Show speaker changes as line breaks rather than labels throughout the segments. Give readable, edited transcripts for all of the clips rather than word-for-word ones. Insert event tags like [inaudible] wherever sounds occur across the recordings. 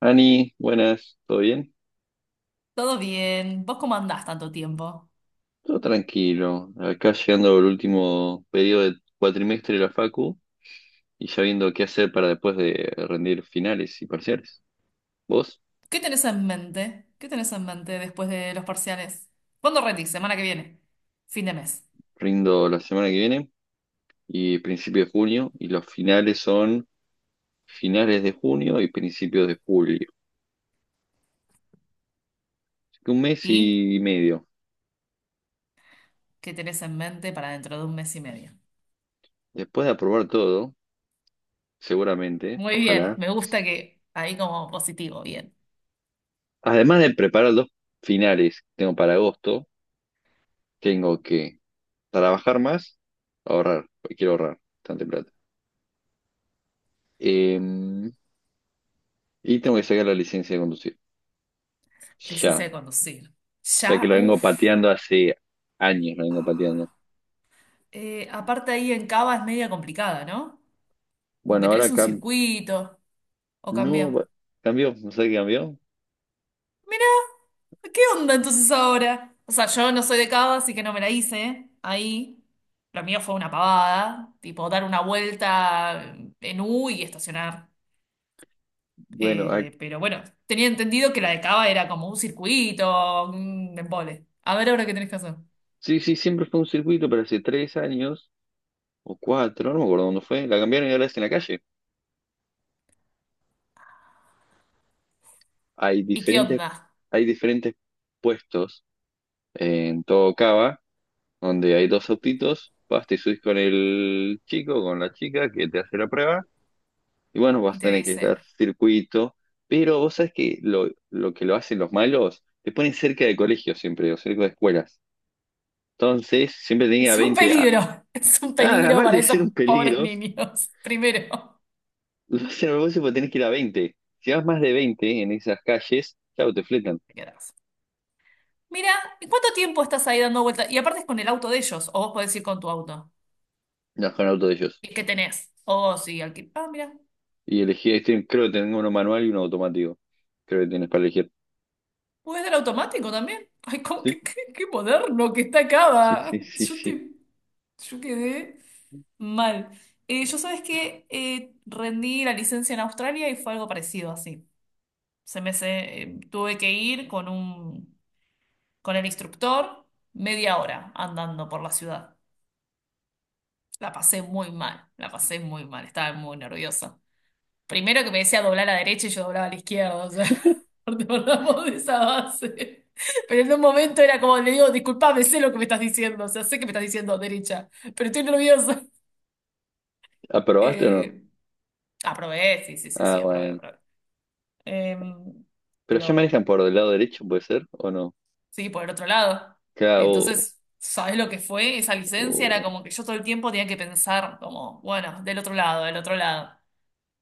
Ani, buenas, ¿todo bien?
Todo bien. ¿Vos cómo andás tanto tiempo?
Todo tranquilo. Acá llegando el último periodo del cuatrimestre de la Facu y ya viendo qué hacer para después de rendir finales y parciales. Vos,
¿Qué tenés en mente? ¿Qué tenés en mente después de los parciales? ¿Cuándo rendís? Semana que viene. Fin de mes.
rindo la semana que viene y principio de junio y los finales son finales de junio y principios de julio. Así que un mes
¿Y
y medio.
qué tenés en mente para dentro de un mes y medio?
Después de aprobar todo, seguramente,
Muy bien.
ojalá.
Me gusta que ahí como positivo. Bien.
Además de preparar los finales que tengo para agosto, tengo que trabajar más, ahorrar, porque quiero ahorrar bastante plata. Em, y tengo que sacar la licencia de conducir.
Licencia
Ya,
de conducir.
ya que
Ya,
la vengo
uff.
pateando hace años, la vengo pateando.
Aparte ahí en Cava es media complicada, ¿no? Como
Bueno,
que tenés
ahora
un circuito. ¿O
no,
cambió?
cambió, no sé qué cambió.
¿Qué onda entonces ahora? O sea, yo no soy de cava, así que no me la hice ahí. Lo mío fue una pavada, tipo dar una vuelta en U y estacionar.
Bueno,
Pero bueno, tenía entendido que la de cava era como un circuito, un embole. A ver ahora qué tenés que hacer.
sí, sí, siempre fue un circuito, pero hace 3 años o cuatro, no me acuerdo dónde fue, la cambiaron y ahora es en la calle. Hay
¿Y qué
diferentes,
onda?
hay diferentes puestos en todo Cava donde hay dos autitos, vas, te subís con el chico, con la chica que te hace la prueba, y bueno, vas
Y
a
te
tener que dar
dice,
circuito, pero vos sabés que lo que lo hacen los malos, te ponen cerca de colegios siempre, o cerca de escuelas. Entonces, siempre tenía
es un
20
peligro, [laughs] es un peligro
aparte
para
de
esos
ser un
pobres
peligro.
niños. [laughs] Primero,
[laughs] Lo hacen a propósito porque tenés que ir a 20. Si vas más de 20 en esas calles, claro, te fletan,
te quedás. Mira, ¿y cuánto tiempo estás ahí dando vueltas? Y aparte es con el auto de ellos, o vos podés ir con tu auto.
no con el auto de ellos.
¿Y qué tenés? Oh, sí, alquiler. Ah, mira,
Y elegí, este, creo que tengo uno manual y uno automático, creo que tienes para elegir.
puedes dar automático también. Ay, cómo,
Sí,
qué moderno que está acá.
sí,
Va.
sí, sí, sí.
Yo quedé mal. Yo sabes que rendí la licencia en Australia y fue algo parecido así. Tuve que ir con el instructor media hora andando por la ciudad. La pasé muy mal, la pasé muy mal, estaba muy nerviosa. Primero que me decía doblar a la derecha y yo doblaba a la izquierda, o sea, [laughs] partamos de esa base. Pero en un momento era como, le digo, disculpame, sé lo que me estás diciendo, o sea, sé que me estás diciendo derecha, pero estoy nerviosa. [laughs]
¿Aprobaste o no?
Eh, Aprobé, sí, sí, sí,
Ah,
sí, aprobé,
bueno.
aprobé. Eh,
Pero ya
pero
manejan por el lado derecho, ¿puede ser? ¿O no?
sí, por el otro lado.
Acá
Entonces, ¿sabes lo que fue esa licencia? Era
o-
como que yo todo el tiempo tenía que pensar como, bueno, del otro lado, del otro lado.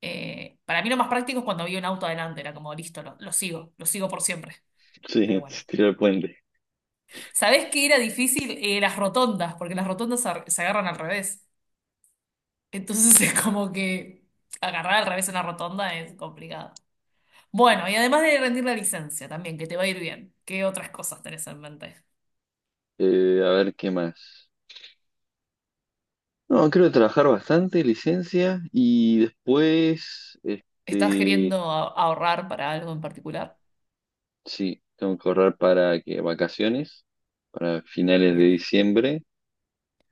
Para mí lo más práctico es cuando vi un auto adelante, era como, listo, lo sigo, lo sigo por siempre.
sí.
Pero bueno.
[laughs] Tirar el puente.
¿Sabés qué era difícil? Las rotondas, porque las rotondas se agarran al revés. Entonces [laughs] es como que agarrar al revés una rotonda es complicado. Bueno, y además de rendir la licencia también, que te va a ir bien. ¿Qué otras cosas tenés en mente?
A ver, ¿qué más? No, creo que trabajar bastante, licencia, y después,
¿Estás
este,
queriendo ahorrar para algo en particular?
sí, tengo que ahorrar para que vacaciones, para finales de
Bien.
diciembre,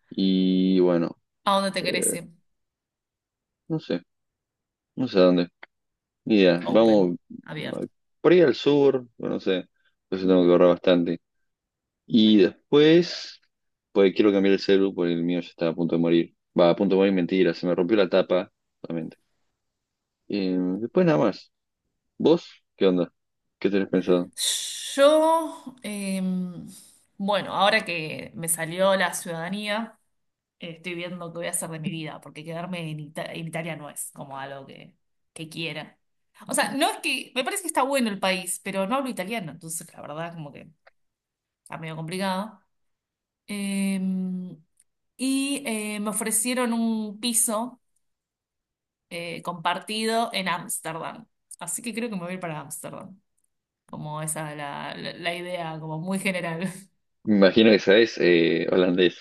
y bueno,
¿A dónde te querés
eh,
ir?
no sé, no sé a dónde. Ni idea, vamos
Open,
a-
abierto.
por ahí al sur, no sé, entonces tengo que ahorrar bastante. Y después, pues quiero cambiar el celu porque el mío ya está a punto de morir. Va, a punto de morir, mentira, se me rompió la tapa, solamente. Después nada más. ¿Vos qué onda? ¿Qué tenés pensado?
Yo, bueno, ahora que me salió la ciudadanía. Estoy viendo qué voy a hacer de mi vida, porque quedarme en, en Italia no es como algo que, quiera. O sea, no es que, me parece que está bueno el país, pero no hablo italiano, entonces la verdad como que está medio complicado. Em, y me ofrecieron un piso compartido en Ámsterdam, así que creo que me voy a ir para Ámsterdam. Como esa es la, la idea, como muy general. [laughs]
Me imagino que sabés holandés.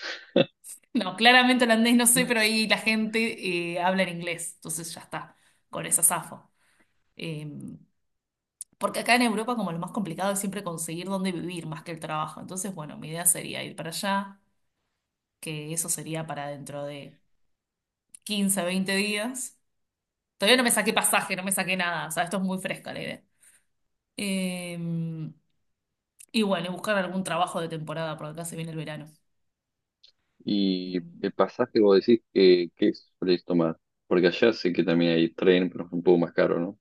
No, claramente holandés no sé pero ahí la gente habla en inglés, entonces ya está, con esa zafo. Eh, porque acá en Europa como lo más complicado es siempre conseguir dónde vivir más que el trabajo. Entonces, bueno, mi idea sería ir para allá, que eso sería para dentro de 15 20 días. Todavía no me saqué pasaje, no me saqué nada. O sea, esto es muy fresca la idea. Eh, y bueno, y buscar algún trabajo de temporada, porque acá se viene el verano. Eh,
¿Y el pasaje vos decís que qué solés tomar? Porque allá sé que también hay tren, pero es un poco más caro, ¿no?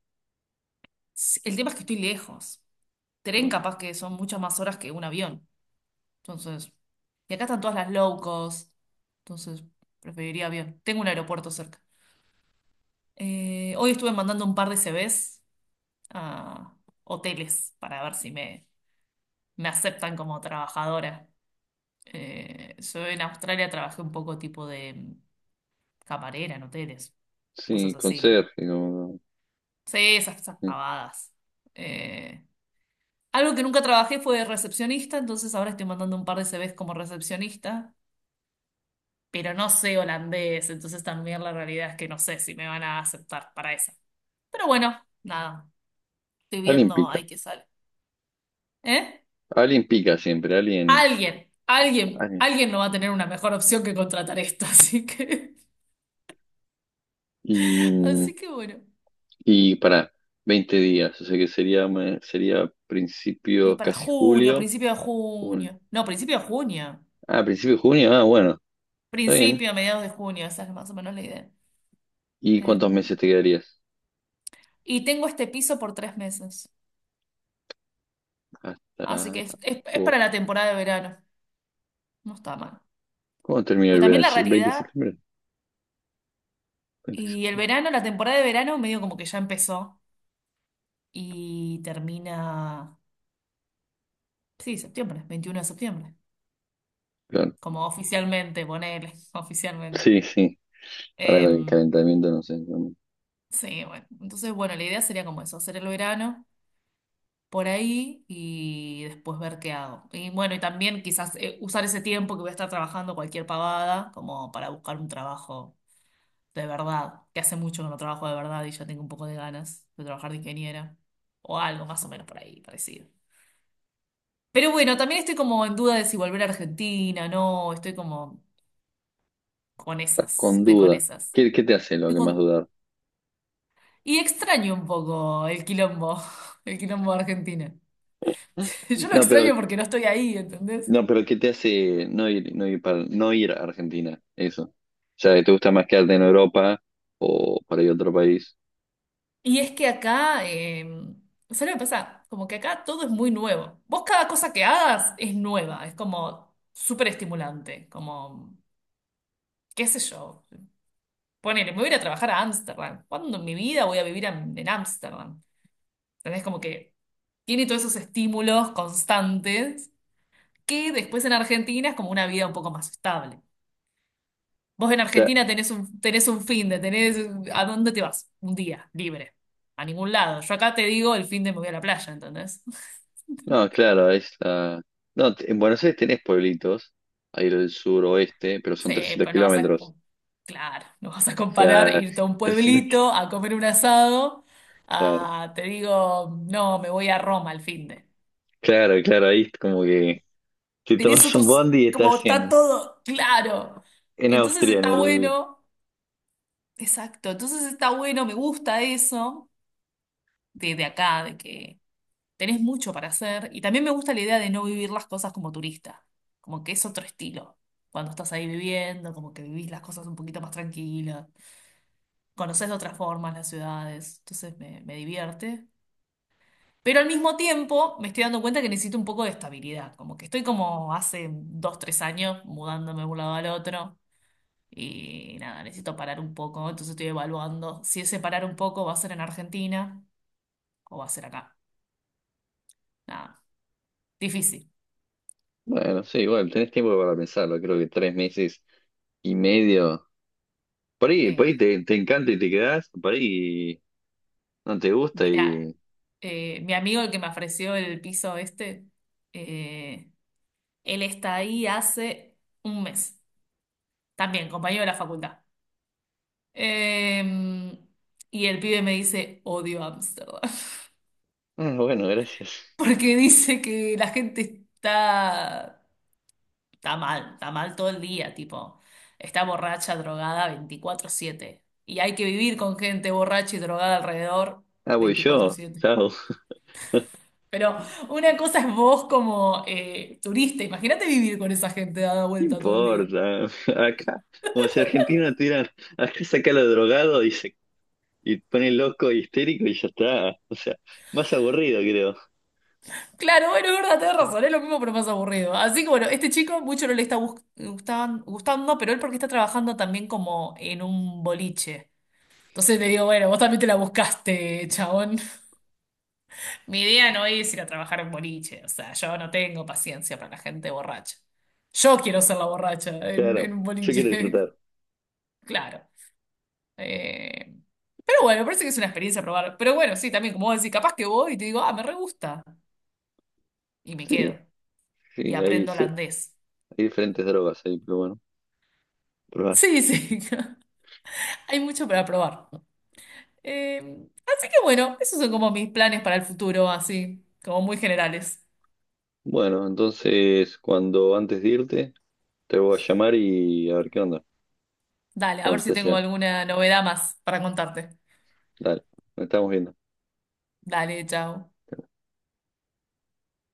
sí, el tema es que estoy lejos. Tren
Pero-
capaz que son muchas más horas que un avión. Entonces, y acá están todas las low cost. Entonces, preferiría avión. Tengo un aeropuerto cerca. Hoy estuve mandando un par de CVs a hoteles para ver si me aceptan como trabajadora. Yo en Australia trabajé un poco tipo de camarera en hoteles, cosas
sí,
así.
conserje,
Sí, esas
sí.
pavadas. Eh, algo que nunca trabajé fue de recepcionista, entonces ahora estoy mandando un par de CVs como recepcionista, pero no sé holandés, entonces también la realidad es que no sé si me van a aceptar para esa. Pero bueno, nada, estoy
Alguien
viendo
pica.
ahí que sale. ¿Eh?
Alguien pica siempre,
Alguien, alguien,
alguien.
alguien no va a tener una mejor opción que contratar esto, [laughs] así que,
Y mm,
así que bueno.
Y para 20 días, o sea que sería, sería
Y
principio
para
casi
junio,
julio.
principio de
un-
junio. No, principio de junio.
ah, principio de junio. Ah, bueno, está bien.
Principio, mediados de junio, esa es más o menos la idea.
¿Y
Eh,
cuántos meses te quedarías?
y tengo este piso por tres meses, así que
Hasta
es para
agosto.
la temporada de verano. No está mal.
¿Cómo termina
Pues
el
también
verano?
la
¿El 20 de
realidad
septiembre? veinte
y el
de
verano, la temporada de verano medio como que ya empezó y termina, sí, septiembre, 21 de septiembre,
septiembre, claro.
como oficialmente, ponele, [laughs] oficialmente.
Sí, sí. Ahora con el
Em,
calentamiento, no sé.
sí, bueno. Entonces, bueno, la idea sería como eso, hacer el verano por ahí y después ver qué hago. Y bueno, y también quizás usar ese tiempo que voy a estar trabajando cualquier pavada como para buscar un trabajo de verdad, que hace mucho que no trabajo de verdad y ya tengo un poco de ganas de trabajar de ingeniera o algo más o menos por ahí parecido. Pero bueno, también estoy como en duda de si volver a Argentina, no, estoy como con
Estás
esas,
con
estoy con
duda.
esas.
¿Qué te hace lo
Estoy
que más
con
dudar?
Y extraño un poco el quilombo, [laughs] el quilombo de Argentina. [laughs] Yo lo
No, pero,
extraño porque no estoy ahí, ¿entendés?
no, pero, ¿qué te hace no ir, no ir para, no ir a Argentina? Eso. O sea, ¿te gusta más quedarte en Europa o para ir a otro país?
Y es que acá, ¿sabes lo que pasa? Como que acá todo es muy nuevo. Vos cada cosa que hagas es nueva, es como súper estimulante, como, qué sé yo. Ponele, me voy a ir a trabajar a Ámsterdam. ¿Cuándo en mi vida voy a vivir en Ámsterdam? ¿Entendés? Como que tiene todos esos estímulos constantes que después en Argentina es como una vida un poco más estable. Vos en Argentina tenés un finde, tenés... ¿A dónde te vas? Un día, libre. A ningún lado. Yo acá te digo, el finde me voy a la playa, ¿entendés? [laughs]
No, claro, No, en Buenos Aires tenés pueblitos, ahí lo del sur pero son
Sí,
300
pero no vas a...
kilómetros.
Claro, no vas a
O
comparar
sea,
irte a un
[laughs] 300 ki-
pueblito a comer un asado
claro,
a, te digo, no, me voy a Roma al finde.
claro, claro, ahí es como que te
Tenés
tomas un
otros...
bondi y
Como
estás
está
en,
todo claro.
en
Entonces
Austria, en
está
el...
bueno. Exacto. Entonces está bueno, me gusta eso de, acá, de que... tenés mucho para hacer y también me gusta la idea de no vivir las cosas como turista, como que es otro estilo. Cuando estás ahí viviendo, como que vivís las cosas un poquito más tranquilas, conoces de otras formas las ciudades, entonces me divierte. Pero al mismo tiempo me estoy dando cuenta que necesito un poco de estabilidad, como que estoy como hace dos, tres años mudándome de un lado al otro y nada, necesito parar un poco, entonces estoy evaluando si ese parar un poco va a ser en Argentina o va a ser acá. Nada, difícil.
Bueno, sí, igual, tenés tiempo para pensarlo, creo que 3 meses y medio. Por
Sí,
ahí te encanta y te quedás, por ahí no te gusta
Mira,
y...
mi amigo el que me ofreció el piso este, eh, él está ahí hace un mes, también compañero de la facultad. Eh, y el pibe me dice, odio Ámsterdam, [laughs]
Ah, bueno, gracias.
porque dice que la gente está, está mal, está mal todo el día, tipo, está borracha, drogada 24/7, Y hay que vivir con gente borracha y drogada alrededor
Ah, voy
veinticuatro
yo,
siete.
chao.
Pero una cosa es vos como turista, imagínate vivir con esa gente dada
¿Qué
vuelta todo el día.
importa? Acá, como si Argentina tuviera, acá saca lo drogado y se y pone loco y histérico y ya está. O sea, más aburrido creo.
Claro, bueno, es verdad, tenés razón, es lo mismo pero más aburrido. Así que bueno, este chico mucho no le está gustando, pero él porque está trabajando también como en un boliche. Entonces le digo, bueno, vos también te la buscaste, chabón. [laughs] Mi idea no es ir a trabajar en boliche, o sea, yo no tengo paciencia para la gente borracha. Yo quiero ser la borracha en,
Claro,
un
yo quiero
boliche,
disfrutar.
[laughs] claro. Eh, Pero bueno, me parece que es una experiencia probar. Pero bueno, sí, también, como vos decís, capaz que voy y te digo, ah, me re gusta. Y me
Sí,
quedo. Y
sí,
aprendo holandés.
hay diferentes drogas ahí, pero bueno, probar.
Sí, sí. [laughs] Hay mucho para probar. Eh, así que bueno, esos son como mis planes para el futuro, así, como muy generales.
Bueno, entonces cuando antes de irte, te voy a llamar y a ver qué onda.
Dale, a ver
Cuando
si
te
tengo
llega.
alguna novedad más para contarte.
Dale, nos estamos viendo.
Dale, chao.